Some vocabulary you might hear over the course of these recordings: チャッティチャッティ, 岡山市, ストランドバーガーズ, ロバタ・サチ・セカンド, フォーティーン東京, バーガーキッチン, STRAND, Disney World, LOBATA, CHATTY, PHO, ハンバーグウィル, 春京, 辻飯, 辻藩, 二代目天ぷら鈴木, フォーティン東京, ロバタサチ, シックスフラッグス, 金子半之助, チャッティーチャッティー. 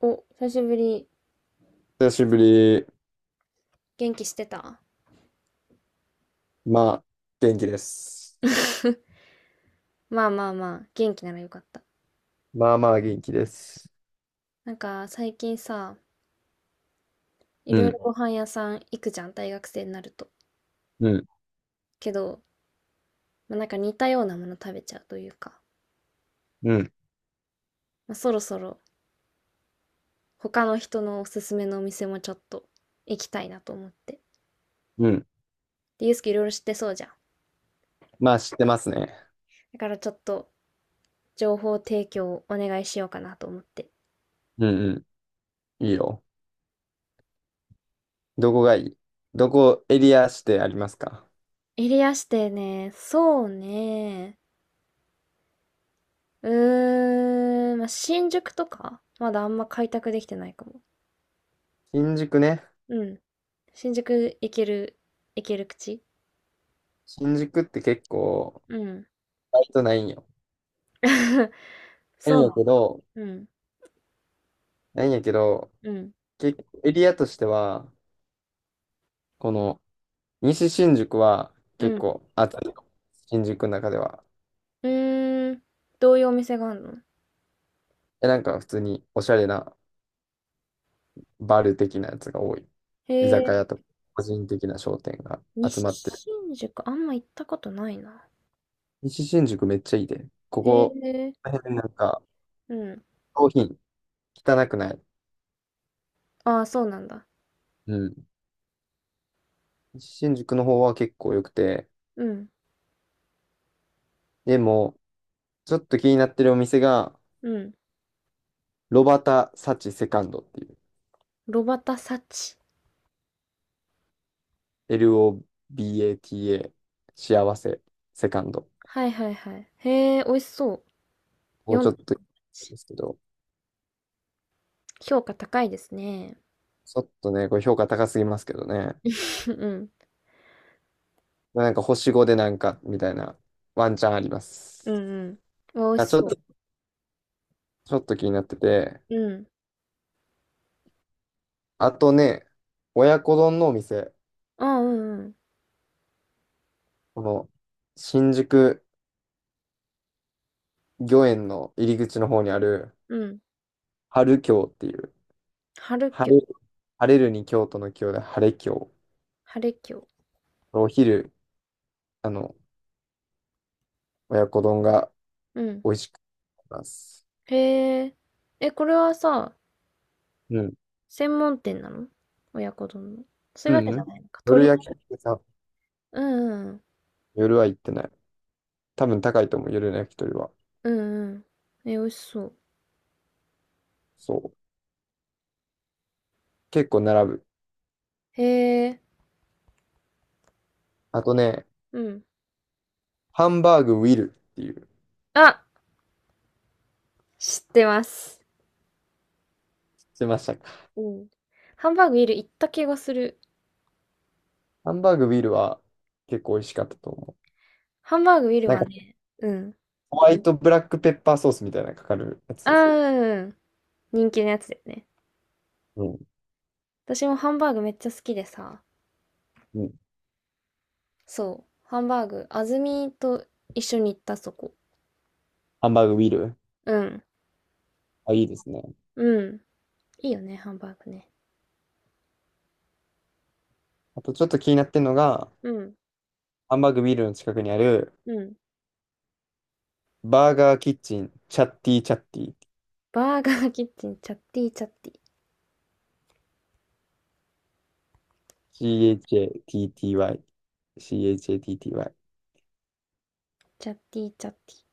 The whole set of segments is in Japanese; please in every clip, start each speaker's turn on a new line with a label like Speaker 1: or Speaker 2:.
Speaker 1: お、久しぶり。
Speaker 2: 久しぶり。
Speaker 1: 元気してた？
Speaker 2: まあ、元気です。
Speaker 1: まあまあまあ、元気ならよかった。
Speaker 2: まあまあ元気です。
Speaker 1: なんか最近さ、い
Speaker 2: う
Speaker 1: ろいろ
Speaker 2: ん、
Speaker 1: ご飯屋さん行くじゃん、大学生になると。
Speaker 2: うん、
Speaker 1: けど、まあ、なんか似たようなもの食べちゃうというか、
Speaker 2: うん、
Speaker 1: まあ、そろそろ他の人のおすすめのお店もちょっと行きたいなと思って。
Speaker 2: うん。
Speaker 1: で、ゆうすけいろいろ知ってそうじゃん。
Speaker 2: まあ、知ってますね。
Speaker 1: だからちょっと情報提供をお願いしようかなと思って。
Speaker 2: うん、うん、いいよ。どこがいい？どこエリアしてありますか？
Speaker 1: エリア指定ね、そうね。うーん、まあ、新宿とか、まだあんま開拓できてないかも。
Speaker 2: 新宿ね。
Speaker 1: うん。新宿行ける、行ける口？
Speaker 2: 新宿って結構、
Speaker 1: うん。
Speaker 2: バイトないんよ。ない
Speaker 1: そ
Speaker 2: ん
Speaker 1: うな
Speaker 2: や
Speaker 1: の。
Speaker 2: けど、
Speaker 1: うん、
Speaker 2: ないんやけど、
Speaker 1: うん、
Speaker 2: 結構エリアとしては、この西新宿は
Speaker 1: う
Speaker 2: 結
Speaker 1: ん。
Speaker 2: 構あったよ。新宿の中では。
Speaker 1: うーん、どういうお店があるの？
Speaker 2: なんか普通におしゃれなバル的なやつが多い。
Speaker 1: へ
Speaker 2: 居酒
Speaker 1: え、
Speaker 2: 屋とか、個人的な商店が集
Speaker 1: 西
Speaker 2: まってる。
Speaker 1: 新宿あんま行ったことないな。
Speaker 2: 西新宿めっちゃいいで。こ
Speaker 1: へ
Speaker 2: こ、
Speaker 1: え、
Speaker 2: この辺なんか、
Speaker 1: うん。
Speaker 2: 商品、汚くない。
Speaker 1: ああ、そうなんだ。
Speaker 2: うん。西新宿の方は結構良くて、
Speaker 1: うん、
Speaker 2: でも、ちょっと気になってるお店が、
Speaker 1: うん。
Speaker 2: ロバタ・サチ・セカンドっていう、
Speaker 1: ロバタサチ。
Speaker 2: LOBATA、幸せ、セカンド。
Speaker 1: はいはいはい。へえ、美味しそう。
Speaker 2: もうちょっ
Speaker 1: 4、
Speaker 2: と、ですけど、
Speaker 1: 評価高いですね。
Speaker 2: ちょっとね、これ評価高すぎますけどね。
Speaker 1: うん、
Speaker 2: なんか星5でなんか、みたいな、ワンチャンありま
Speaker 1: うん、
Speaker 2: す。
Speaker 1: うん。美味し
Speaker 2: あ、ちょっ
Speaker 1: そ
Speaker 2: と、
Speaker 1: う。
Speaker 2: ちょっと気になってて。
Speaker 1: うん。
Speaker 2: あとね、親子丼のお店。
Speaker 1: あ、うんうん。
Speaker 2: この、新宿御苑の入り口の方にある、
Speaker 1: うん。
Speaker 2: 春京っていう、
Speaker 1: 春キョ、
Speaker 2: 晴れ、晴れるに京都の京で晴れ京。
Speaker 1: 晴れキョ。
Speaker 2: お昼、あの、親子丼が
Speaker 1: うん。
Speaker 2: 美味しくなります。
Speaker 1: へえ。え、これはさ、
Speaker 2: うん。
Speaker 1: 専門店なの？親子丼の。そう
Speaker 2: う
Speaker 1: いうわけ
Speaker 2: んう
Speaker 1: じゃ
Speaker 2: ん。
Speaker 1: ないのか。
Speaker 2: 夜
Speaker 1: 鳥。
Speaker 2: 焼き鳥さ、
Speaker 1: うんうん。
Speaker 2: 夜は行ってない。多分高いと思う、夜の焼き鳥は。
Speaker 1: うんうん。え、美味しそう。
Speaker 2: そう。結構並ぶ。
Speaker 1: へえ。
Speaker 2: あとね、
Speaker 1: うん。
Speaker 2: ハンバーグウィルっていう、
Speaker 1: あ、知ってます。
Speaker 2: 出ましたか？
Speaker 1: うん。ハンバーグウィル行った気がする。
Speaker 2: ハンバーグビールは結構美味しかったと思う。
Speaker 1: ハンバーグウィル
Speaker 2: なん
Speaker 1: は
Speaker 2: か
Speaker 1: ね、うん。
Speaker 2: ホワイトブラックペッパーソースみたいなのかかるや
Speaker 1: あ
Speaker 2: つ。
Speaker 1: ー、うんうん。人気のやつだよね。
Speaker 2: うん。
Speaker 1: 私もハンバーグめっちゃ好きでさ、
Speaker 2: うん。
Speaker 1: そう。ハンバーグ、安住と一緒に行ったそこ。
Speaker 2: ハンバーグビール。
Speaker 1: うん。
Speaker 2: あ、いいですね。
Speaker 1: うん。いいよね、ハンバーグね。
Speaker 2: あとちょっと気になってるのが、
Speaker 1: うん。
Speaker 2: ハンバーグビールの近くにある、
Speaker 1: うん。
Speaker 2: バーガーキッチン、チャッティチャッティ。
Speaker 1: バーガーキッチン、チャッティーチャッティー。
Speaker 2: CHATTY。CHATTY。
Speaker 1: チャッティーチャッティー。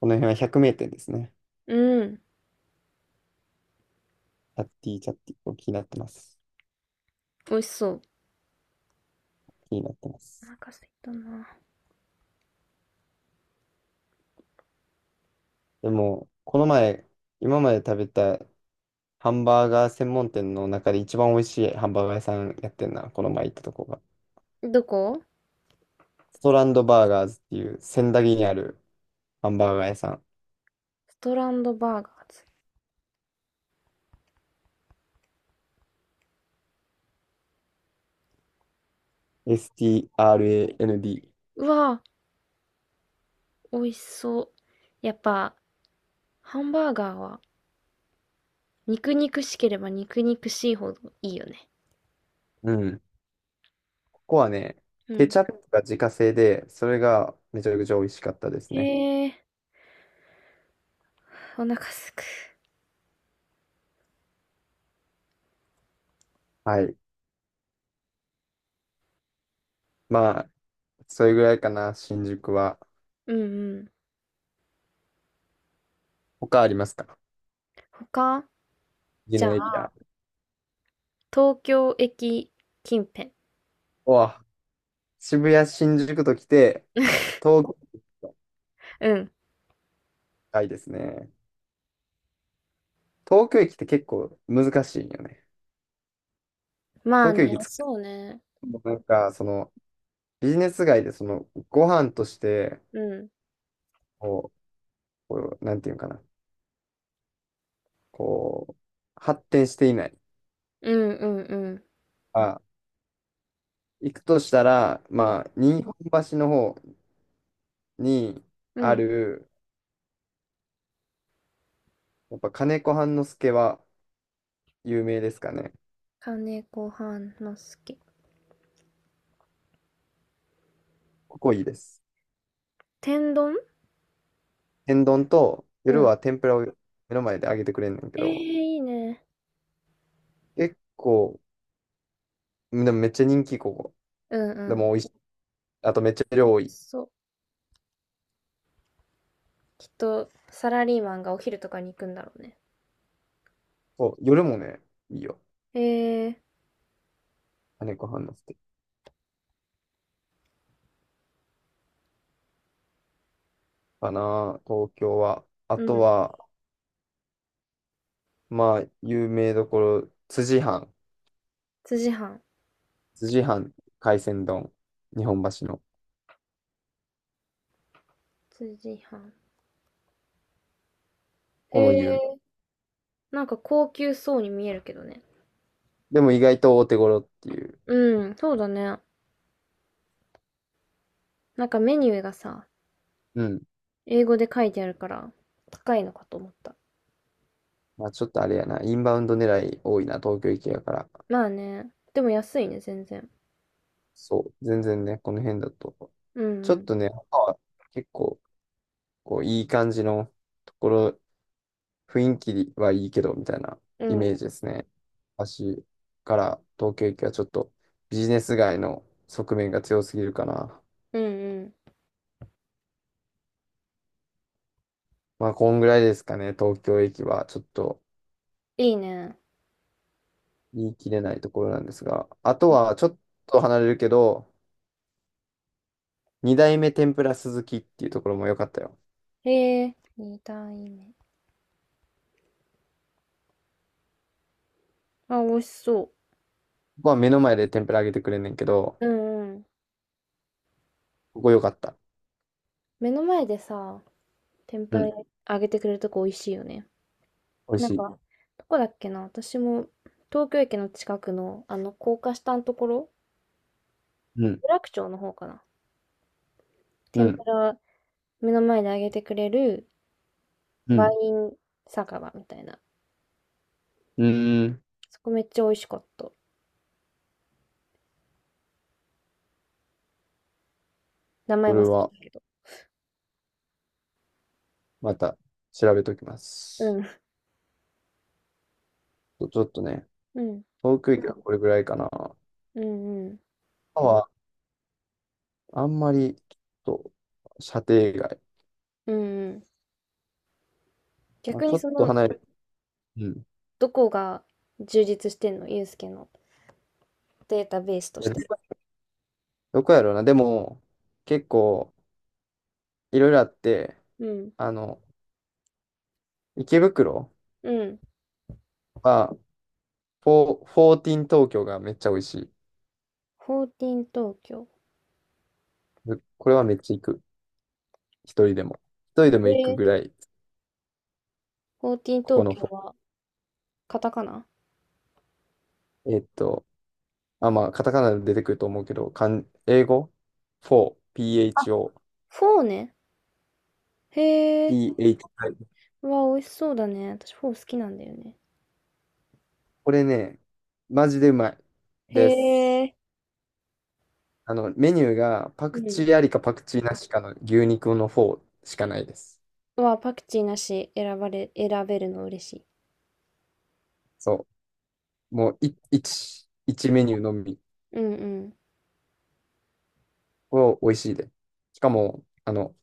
Speaker 2: この辺は100名店ですね。
Speaker 1: うん。
Speaker 2: チャッティチャッティ。こう気になってます。
Speaker 1: 美味しそう。
Speaker 2: 気になってま
Speaker 1: お
Speaker 2: す。
Speaker 1: 腹空いたな。
Speaker 2: でも、この前、今まで食べたハンバーガー専門店の中で一番美味しいハンバーガー屋さんやってんな、この前行ったとこが。
Speaker 1: どこ？
Speaker 2: ストランドバーガーズっていう仙台にあるハンバーガー屋さん。
Speaker 1: ストランドバーガーズ。
Speaker 2: STRAND。
Speaker 1: うわぁ、美味しそう。やっぱ、ハンバーガーは、肉肉しければ肉肉しいほどいいよね。
Speaker 2: うん。ここはね、
Speaker 1: う
Speaker 2: ケ
Speaker 1: ん。
Speaker 2: チャップが自家製で、それがめちゃくちゃ美味しかったですね。
Speaker 1: へえ、お腹すく。
Speaker 2: はい。まあ、それぐらいかな、新宿は。
Speaker 1: うんうん。
Speaker 2: 他ありますか？
Speaker 1: 他？
Speaker 2: 次
Speaker 1: じ
Speaker 2: の
Speaker 1: ゃ
Speaker 2: エリア。
Speaker 1: あ、東京駅近辺。
Speaker 2: うわ、渋谷、新宿と来て、東京駅と
Speaker 1: うん。
Speaker 2: 近いですね。東京駅って結構難しいんよね。
Speaker 1: まあ
Speaker 2: 東京
Speaker 1: ね、
Speaker 2: 駅
Speaker 1: そうね。
Speaker 2: もうなんか、その、ビジネス街で、その、ご飯として、
Speaker 1: うん。
Speaker 2: こう、こうなんていうのかな、こう、発展していない。
Speaker 1: うんうんうん。
Speaker 2: あ、行くとしたら、
Speaker 1: うん。
Speaker 2: まあ、日本橋の方に
Speaker 1: う
Speaker 2: あ
Speaker 1: ん。
Speaker 2: る、やっぱ金子半之助は有名ですかね。
Speaker 1: 金子半之助。
Speaker 2: ここいいです。
Speaker 1: 天丼？
Speaker 2: 天丼と、夜
Speaker 1: うん。
Speaker 2: は天ぷらを目の前で揚げてくれんねんけ
Speaker 1: ええー、
Speaker 2: ど、
Speaker 1: いいね。
Speaker 2: 結構、でもめっちゃ人気、ここ。
Speaker 1: うん
Speaker 2: で
Speaker 1: うん。
Speaker 2: も美味しい。あとめっちゃ
Speaker 1: ま
Speaker 2: 量
Speaker 1: あ
Speaker 2: 多い。
Speaker 1: そう。きっと、サラリーマンがお昼とかに行くんだろうね。
Speaker 2: そう、夜もね、いいよ。
Speaker 1: ええ、
Speaker 2: 金子半之助。かな、東京は。あ
Speaker 1: う
Speaker 2: と
Speaker 1: ん。
Speaker 2: は、まあ、有名どころ、辻藩。
Speaker 1: 辻飯？
Speaker 2: 辻藩海鮮丼。日本橋の。こ
Speaker 1: 辻飯？
Speaker 2: こ
Speaker 1: へ
Speaker 2: も有名。
Speaker 1: え、なんか高級そうに見えるけどね。
Speaker 2: でも意外と大手頃っていう。
Speaker 1: うん、そうだね。なんかメニューがさ、
Speaker 2: うん。
Speaker 1: 英語で書いてあるから、高いのかと思った。
Speaker 2: まあ、ちょっとあれやな。インバウンド狙い多いな、東京行きやから。
Speaker 1: まあね。でも安いね、全然。
Speaker 2: そう。全然ね、この辺だと。
Speaker 1: う
Speaker 2: ちょっ
Speaker 1: ん
Speaker 2: とね、他は結構、こう、いい感じのところ雰囲気はいいけど、みたいな
Speaker 1: う
Speaker 2: イ
Speaker 1: ん。う
Speaker 2: メージで
Speaker 1: ん。
Speaker 2: すね。私から東京駅はちょっとビジネス街の側面が強すぎるかな。
Speaker 1: うんうん。
Speaker 2: まあ、こんぐらいですかね、東京駅は。ちょっと
Speaker 1: いいね。
Speaker 2: 言い切れないところなんですが。あとは、ちょっと離れるけど、二代目天ぷら鈴木っていうところも良かったよ。こ
Speaker 1: ええ、二段い、めあ、美味しそ
Speaker 2: こは目の前で天ぷら揚げてくれんねんけど、
Speaker 1: う。うんうん。
Speaker 2: ここ良かった。
Speaker 1: 目の前でさ、天ぷ
Speaker 2: う
Speaker 1: ら
Speaker 2: ん、
Speaker 1: 揚げてくれるとこ美味しいよね。
Speaker 2: 美味
Speaker 1: な
Speaker 2: し
Speaker 1: んか、
Speaker 2: い。
Speaker 1: うん、どこだっけな私も、東京駅の近くの、あの、高架下のところ、
Speaker 2: うん、
Speaker 1: 有楽町の方かな。
Speaker 2: う
Speaker 1: 天ぷ
Speaker 2: ん、
Speaker 1: ら目の前で揚げてくれる
Speaker 2: う
Speaker 1: ワ
Speaker 2: ん、
Speaker 1: イン酒場みたいな。
Speaker 2: うーん。
Speaker 1: そこめっちゃ美味しかった。名前
Speaker 2: そ
Speaker 1: 忘
Speaker 2: れ
Speaker 1: れた
Speaker 2: は、
Speaker 1: けど。
Speaker 2: また調べときま
Speaker 1: う
Speaker 2: す。
Speaker 1: ん。
Speaker 2: ちょっとね、
Speaker 1: うん。
Speaker 2: 航空機はこれぐらいかな。歯
Speaker 1: うんうん。
Speaker 2: は、あんまり、ちょっと、射程外。
Speaker 1: うんうん。
Speaker 2: まあ、
Speaker 1: 逆
Speaker 2: ちょ
Speaker 1: に
Speaker 2: っ
Speaker 1: そ
Speaker 2: と
Speaker 1: の、
Speaker 2: 離れ、うん。
Speaker 1: どこが充実してんのユうスケのデータベースとして。
Speaker 2: で、どこやろうな。でも、結構、いろいろあって、
Speaker 1: うん。
Speaker 2: あの、池袋
Speaker 1: うん。
Speaker 2: は、フォーティーン東京がめっちゃ美味しい。
Speaker 1: フォーティン東京。
Speaker 2: で、これはめっちゃ行く。一人でも。一人でも行く
Speaker 1: えー、
Speaker 2: ぐらい、
Speaker 1: フォーティン
Speaker 2: ここ
Speaker 1: 東
Speaker 2: の
Speaker 1: 京
Speaker 2: フォ
Speaker 1: はカタカナ？
Speaker 2: ー、まあ、カタカナで出てくると思うけど、漢英語 ?4、PHO、
Speaker 1: フォーね。へえ。
Speaker 2: THI
Speaker 1: うわ、美味しそうだね。私フォー好きなんだよね。
Speaker 2: これね、マジでうまい
Speaker 1: へ
Speaker 2: です。
Speaker 1: え。
Speaker 2: メニューがパ
Speaker 1: う
Speaker 2: クチ
Speaker 1: ん。
Speaker 2: ーありかパクチーなしかの牛肉の方しかないです。
Speaker 1: うわ、パクチーなし選ばれ、選べるの嬉しい。
Speaker 2: そう。もう、一メニューのみ。
Speaker 1: うん
Speaker 2: これ美味しいで。しかも、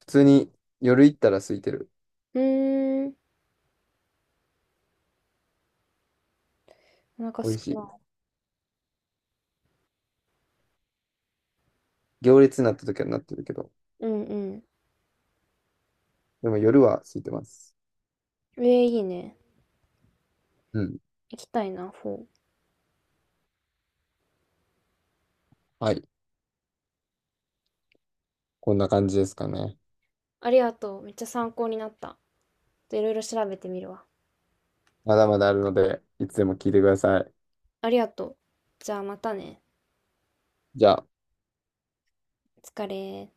Speaker 2: 普通に夜行ったら空いてる。
Speaker 1: うん。うーん。お腹
Speaker 2: 美
Speaker 1: す
Speaker 2: 味し
Speaker 1: く
Speaker 2: いで
Speaker 1: な
Speaker 2: す。行列になった時はなってるけど、
Speaker 1: い。うんうん。
Speaker 2: でも夜は空いてます。
Speaker 1: ええ、いいね。
Speaker 2: うん。
Speaker 1: 行きたいな、フォー。
Speaker 2: はい。こんな感じですかね。
Speaker 1: ありがとう。めっちゃ参考になった。といろいろ調べてみるわ。
Speaker 2: まだまだあるので、いつでも聞いてください。
Speaker 1: ありがとう。じゃあまたね。
Speaker 2: じゃあ。
Speaker 1: お疲れ。